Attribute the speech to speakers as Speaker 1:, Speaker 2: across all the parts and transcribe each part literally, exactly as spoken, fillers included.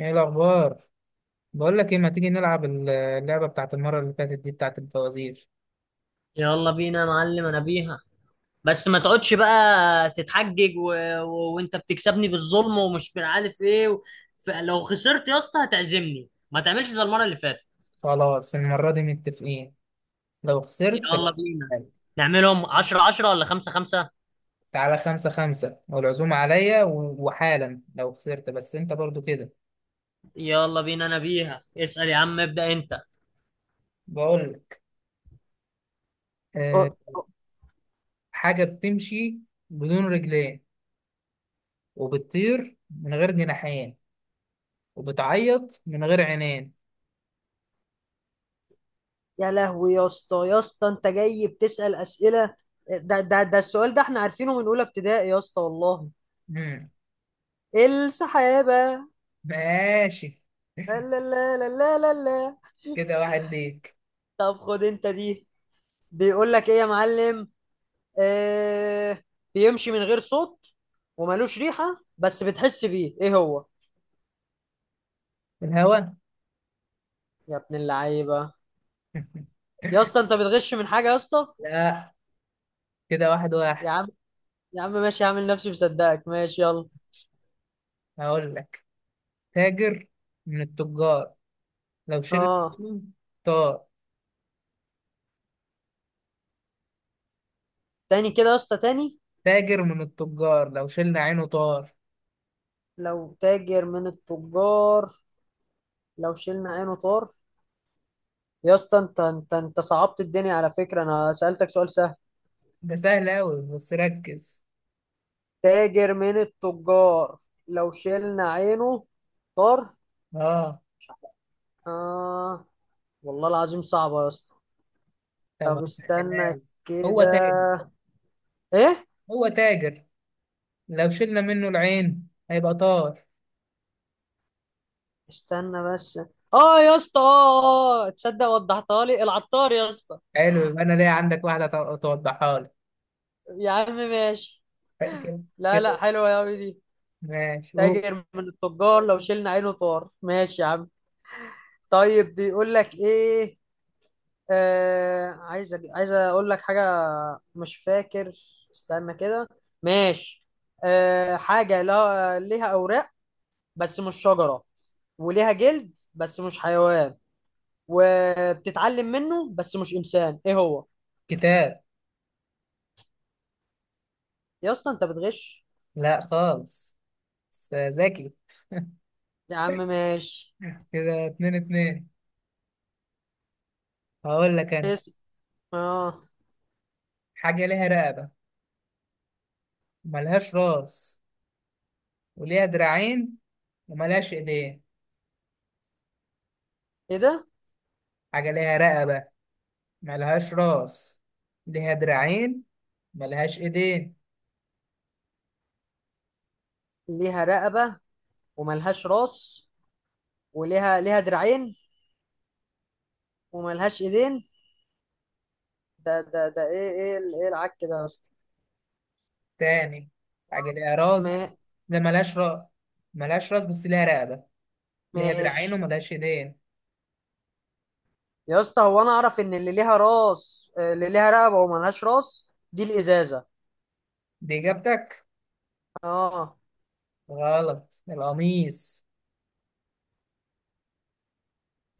Speaker 1: ايه الاخبار؟ بقول لك ايه، ما تيجي نلعب ال- اللعبه بتاعت المره اللي فاتت دي بتاعت الفوازير؟
Speaker 2: يلا بينا يا معلم، انا بيها. بس ما تقعدش بقى تتحجج و... و... وانت بتكسبني بالظلم ومش عارف ايه و... فلو خسرت يا اسطى هتعزمني، ما تعملش زي المره اللي فاتت.
Speaker 1: خلاص، المره دي متفقين. لو خسرت لا
Speaker 2: يلا بينا،
Speaker 1: تتحايل.
Speaker 2: نعملهم عشرة عشرة ولا خمسة خمسة؟
Speaker 1: تعالى خمسة خمسة، والعزومة عليا و- وحالا لو خسرت، بس انت برضو كده.
Speaker 2: يلا بينا، انا بيها. اسأل يا عم، ابدأ انت.
Speaker 1: بقول لك. أه.
Speaker 2: أه، أه.
Speaker 1: حاجة بتمشي بدون رجلين، وبتطير من غير جناحين، وبتعيط من غير عينين.
Speaker 2: يا لهوي يا اسطى يا اسطى، انت جاي بتسأل اسئله؟ ده ده ده السؤال ده احنا عارفينه من اولى ابتدائي يا اسطى، والله.
Speaker 1: مم.
Speaker 2: السحابه.
Speaker 1: ماشي.
Speaker 2: لا، لا، لا، لا، لا، لا.
Speaker 1: كده واحد ليك.
Speaker 2: طب خد انت دي. بيقول لك ايه يا معلم؟ آه. بيمشي من غير صوت، ومالوش ريحة بس بتحس بيه، ايه هو؟
Speaker 1: الهوا.
Speaker 2: يا ابن اللعيبة! يا اسطى، انت بتغش من حاجة يا اسطى!
Speaker 1: لا، كده واحد
Speaker 2: يا
Speaker 1: واحد.
Speaker 2: عم. يا عم ماشي، هعمل نفسي مصدقك، ماشي يلا.
Speaker 1: هقول لك، تاجر من التجار لو شلنا
Speaker 2: اه.
Speaker 1: عينه طار.
Speaker 2: تاني كده يا اسطى، تاني.
Speaker 1: تاجر من التجار لو شلنا عينه طار.
Speaker 2: لو تاجر من التجار، لو شلنا عينه طار. يا اسطى، انت انت انت صعبت الدنيا على فكرة. انا سألتك سؤال سهل.
Speaker 1: ده سهل أوي، بس ركز.
Speaker 2: تاجر من التجار، لو شلنا عينه طار.
Speaker 1: اه،
Speaker 2: آه. والله العظيم صعبة يا اسطى.
Speaker 1: طبعا
Speaker 2: طب استنى.
Speaker 1: سهلان. هو
Speaker 2: كده.
Speaker 1: تاجر،
Speaker 2: ايه؟
Speaker 1: هو تاجر لو شلنا منه العين هيبقى طار.
Speaker 2: استنى بس. اه يا اسطى. اه اه اه. تصدق وضحتها لي؟ العطار يا اسطى!
Speaker 1: حلو، يبقى أنا ليا عندك واحدة ت- توضحها لي.
Speaker 2: يا عم ماشي.
Speaker 1: كده.
Speaker 2: لا، لا،
Speaker 1: كده،
Speaker 2: حلوة يا أوي دي.
Speaker 1: ماشي قول.
Speaker 2: تاجر من التجار لو شلنا عينه طار. ماشي يا عم. طيب، بيقول لك ايه؟ آه، عايز أج- عايز اقول لك حاجة. مش فاكر. استنى كده. ماشي. آه حاجة لا ليها أوراق بس مش شجرة، وليها جلد بس مش حيوان، وبتتعلم منه بس مش انسان، ايه هو؟
Speaker 1: كتاب.
Speaker 2: يا اسطى، انت بتغش!
Speaker 1: لا خالص، بس ذكي.
Speaker 2: يا عم ماشي.
Speaker 1: كده اتنين اتنين. هقول لك أنا.
Speaker 2: اسم. اه.
Speaker 1: حاجة ليها رقبة، ملهاش راس، وليها دراعين، وملهاش ايدين.
Speaker 2: ايه ده؟
Speaker 1: حاجة ليها رقبة، ملهاش راس، ليها دراعين، ملهاش ايدين.
Speaker 2: ليها رقبة، وملهاش راس، وليها ليها دراعين، وملهاش ايدين. ده ده ده ايه ايه ال- ايه العك ده يا اسطى؟
Speaker 1: تاني، حاجة ليها
Speaker 2: ما.
Speaker 1: راس. ده ملهاش راس، ملهاش راس بس ليها رقبة، ليها دراعين
Speaker 2: ماشي.
Speaker 1: وملهاش ايدين.
Speaker 2: يا اسطى، هو انا اعرف ان اللي ليها راس، آه، اللي ليها رقبة وملهاش راس دي الازازة.
Speaker 1: دي اجابتك.
Speaker 2: اه
Speaker 1: غلط، القميص.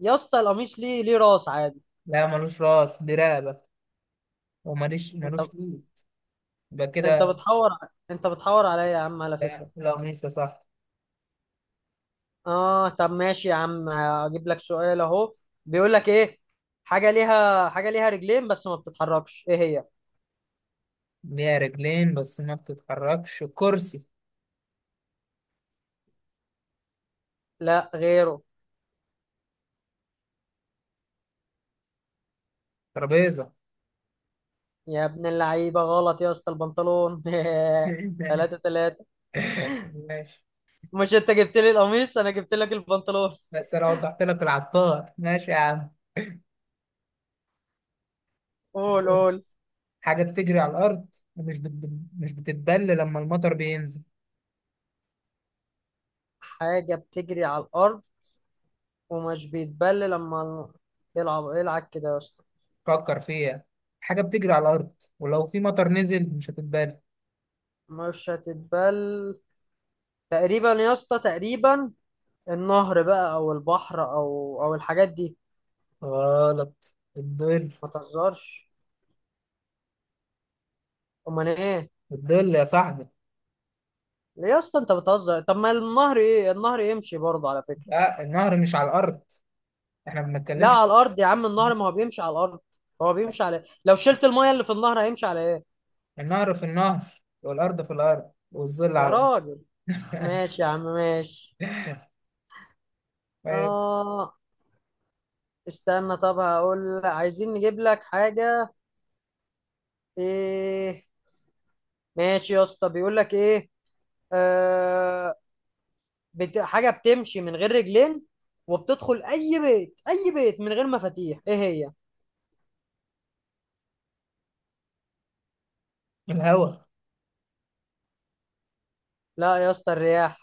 Speaker 2: يا اسطى، القميص ليه ليه راس عادي.
Speaker 1: لا ملوش راس، دي رقبة، وملوش
Speaker 2: انت
Speaker 1: ملوش ايد. يبقى
Speaker 2: انت
Speaker 1: كده.
Speaker 2: بتحور انت بتحور عليا يا عم على
Speaker 1: لا
Speaker 2: فكرة.
Speaker 1: القميص يا صاحبي.
Speaker 2: اه، طب ماشي يا عم، اجيب لك سؤال اهو. بيقول لك ايه؟ حاجه ليها حاجه ليها رجلين بس ما بتتحركش، ايه هي؟
Speaker 1: ليها رجلين بس ما بتتحركش، كرسي.
Speaker 2: لا، غيره.
Speaker 1: ترابيزة.
Speaker 2: يا ابن اللعيبه، غلط يا اسطى، البنطلون. ثلاثة ثلاثة.
Speaker 1: ماشي.
Speaker 2: مش انت جبت لي القميص، انا جبت لك البنطلون؟
Speaker 1: بس انا وضحت لك العطار، ماشي يا عم.
Speaker 2: قول قول.
Speaker 1: حاجة بتجري على الأرض، ومش بت... مش بتتبل لما المطر بينزل.
Speaker 2: حاجه بتجري على الارض، ومش بيتبل لما. العب العب كده يا اسطى.
Speaker 1: فكر فيها. حاجة بتجري على الأرض، ولو في مطر نزل مش هتتبل.
Speaker 2: مش هتتبل. تقريبا يا اسطى تقريبا. النهر بقى او البحر او او الحاجات دي.
Speaker 1: غلط، الظل.
Speaker 2: ما تهزرش! امال ايه؟
Speaker 1: الظل يا صاحبي.
Speaker 2: ليه يا اسطى انت بتهزر؟ طب ما النهر، ايه، النهر يمشي برضه على فكره.
Speaker 1: لا النهر مش على الأرض. احنا ما
Speaker 2: لا،
Speaker 1: بنتكلمش.
Speaker 2: على الارض يا عم، النهر ما هو بيمشي على الارض. هو بيمشي على إيه؟ لو شلت المايه اللي في النهر، هيمشي على ايه؟
Speaker 1: النهر في النهر، والأرض في الأرض، والظل
Speaker 2: يا
Speaker 1: على الأرض.
Speaker 2: راجل! ماشي يا عم، ماشي.
Speaker 1: طيب.
Speaker 2: اه. استنى، طب هقول لك، عايزين نجيب لك حاجه. ايه؟ ماشي يا اسطى، بيقول لك ايه؟ آه، بت... حاجه بتمشي من غير رجلين، وبتدخل اي بيت اي بيت من غير مفاتيح، ايه هي؟
Speaker 1: الهوا.
Speaker 2: لا يا اسطى، الرياح.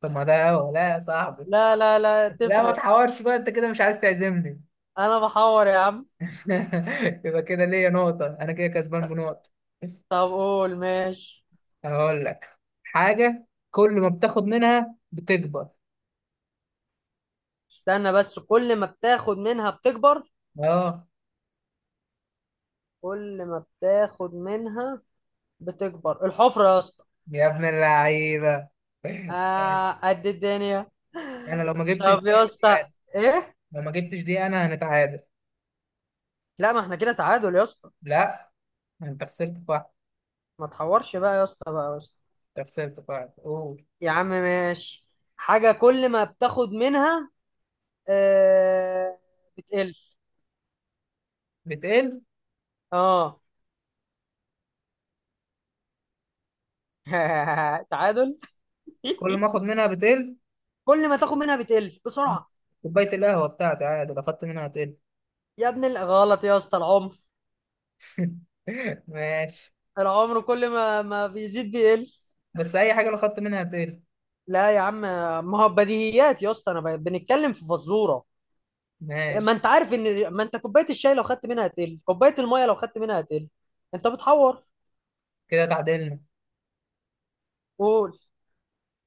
Speaker 1: طب ما ده هوا. لا يا صاحبي،
Speaker 2: لا، لا، لا،
Speaker 1: لا ما
Speaker 2: تفرق.
Speaker 1: تحورش بقى، انت كده مش عايز تعزمني.
Speaker 2: انا بحور يا عم؟
Speaker 1: يبقى كده ليا نقطة، أنا كده كسبان بنقطة.
Speaker 2: طب قول، ماشي.
Speaker 1: هقول لك، حاجة كل ما بتاخد منها بتكبر.
Speaker 2: استنى بس، كل ما بتاخد منها بتكبر.
Speaker 1: أه.
Speaker 2: كل ما بتاخد منها، بتكبر الحفرة يا اسطى!
Speaker 1: يا ابن اللعيبة.
Speaker 2: آه، قد الدنيا.
Speaker 1: أنا لو ما جبتش دي
Speaker 2: طب يا اسطى.
Speaker 1: هنتعادل.
Speaker 2: ايه؟
Speaker 1: لو ما جبتش دي أنا هنتعادل.
Speaker 2: لا، ما احنا كده تعادل يا اسطى.
Speaker 1: لا، أنت خسرت في واحد.
Speaker 2: ما تحورش بقى يا اسطى، بقى يا اسطى.
Speaker 1: أنت خسرت في واحد، قول.
Speaker 2: يا عم ماشي. حاجة كل ما بتاخد منها. آه. بتقل.
Speaker 1: بتقل.
Speaker 2: اه. تعادل.
Speaker 1: كل ما آخد منها بتقل.
Speaker 2: كل ما تاخد منها بتقل بسرعة.
Speaker 1: كوباية القهوة بتاعتي عادي لو خدت منها هتقل.
Speaker 2: يا ابن ال- غلط يا اسطى، العمر!
Speaker 1: ماشي.
Speaker 2: العمر، كل ما ما بيزيد بيقل.
Speaker 1: بس أي حاجة لو خدت منها هتقل.
Speaker 2: لا يا عم. ما هو بديهيات يا اسطى، انا ب- بنتكلم في فزوره. ما
Speaker 1: ماشي،
Speaker 2: انت عارف ان ما انت كوبايه الشاي لو خدت منها هتقل، كوبايه الميه لو خدت منها هتقل. انت بتحور!
Speaker 1: كده تعادلنا.
Speaker 2: قول.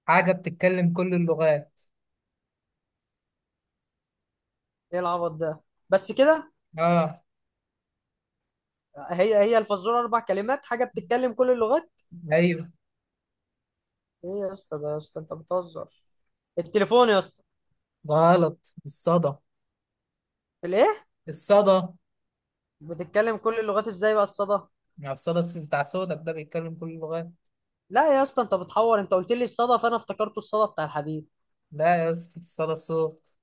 Speaker 1: حاجة بتتكلم كل اللغات.
Speaker 2: ايه العبط ده؟ بس كده؟
Speaker 1: اه.
Speaker 2: هي هي الفزوره اربع كلمات، حاجه بتتكلم كل اللغات.
Speaker 1: ايوه.
Speaker 2: ايه يا اسطى ده، يا اسطى انت بتهزر! التليفون يا اسطى.
Speaker 1: غلط، الصدى.
Speaker 2: الايه؟
Speaker 1: الصدى
Speaker 2: بتتكلم كل اللغات ازاي بقى الصدى؟
Speaker 1: يعني، الصدى الس- بتاع صوتك ده بيتكلم كل اللغات.
Speaker 2: لا يا اسطى، انت بتحور. انت قلت لي الصدى فانا افتكرته الصدى بتاع الحديد.
Speaker 1: لا يا اسطى، الصدى الصوت.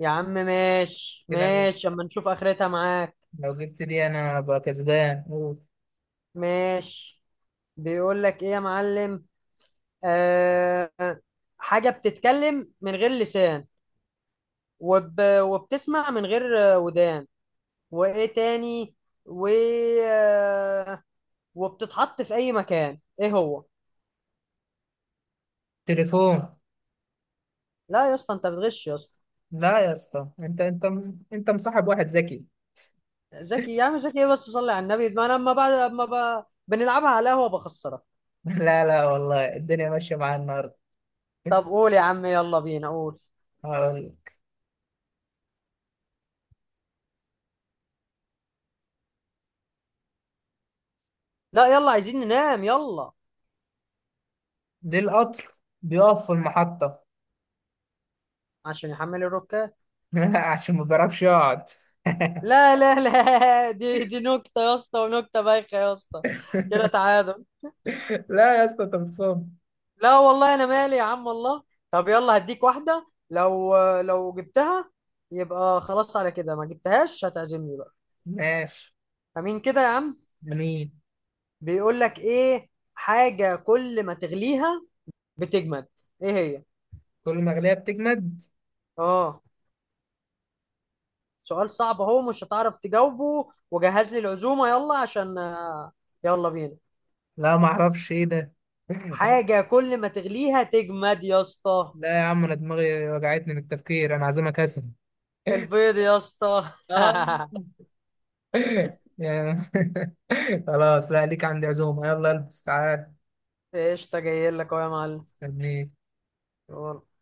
Speaker 2: يا عم ماشي
Speaker 1: كده أنا
Speaker 2: ماشي، اما نشوف اخرتها معاك.
Speaker 1: لو جبت دي انا ابقى كسبان، قول.
Speaker 2: ماشي. بيقول لك ايه يا معلم؟ آه. حاجة بتتكلم من غير لسان، وب... وبتسمع من غير آه، ودان، وايه تاني و آه، وبتتحط في اي مكان، ايه هو؟
Speaker 1: تليفون.
Speaker 2: لا يا اسطى، انت بتغش يا اسطى!
Speaker 1: لا يا اسطى، انت انت م- انت مصاحب واحد ذكي.
Speaker 2: ذكي يا عم؟ ذكي ايه؟ بس صلي على النبي، ما انا اما بعد اما ب... بنلعبها على قهوة بخسرك.
Speaker 1: لا لا، والله الدنيا ماشيه معايا النهارده.
Speaker 2: طب قول يا عم، يلا بينا قول.
Speaker 1: هقول لك،
Speaker 2: لا، يلا، عايزين ننام، يلا.
Speaker 1: ليه القطر بيقف في المحطه؟
Speaker 2: عشان يحمل الركاب.
Speaker 1: عشان ما بيعرفش يقعد.
Speaker 2: لا، لا، لا، دي دي نكتة يا اسطى، ونكتة بايخة يا اسطى! كده تعادل.
Speaker 1: لا يا اسطى، انت بتفهم.
Speaker 2: لا والله، انا مالي يا عم، الله. طب يلا هديك واحدة، لو لو جبتها. يبقى خلاص على كده، ما جبتهاش، هتعزمني بقى.
Speaker 1: ماشي.
Speaker 2: امين كده يا عم.
Speaker 1: مين؟
Speaker 2: بيقول لك ايه؟ حاجة كل ما تغليها، بتجمد. ايه هي؟
Speaker 1: كل ما غليها بتجمد.
Speaker 2: اه. سؤال صعب اهو، مش هتعرف تجاوبه، وجهز لي العزومة يلا عشان. آه، يلا بينا.
Speaker 1: لا ما اعرفش ايه ده.
Speaker 2: حاجة كل ما تغليها تجمد يا اسطى؟
Speaker 1: لا يا عم، انا دماغي وجعتني من التفكير، انا عازمك كسل.
Speaker 2: البيض يا اسطى!
Speaker 1: اه. يا- خلاص، لا ليك عندي عزومة، يلا البس تعال.
Speaker 2: قشطة، جاي لك اهو يا معلم.
Speaker 1: استنيك.
Speaker 2: يلا.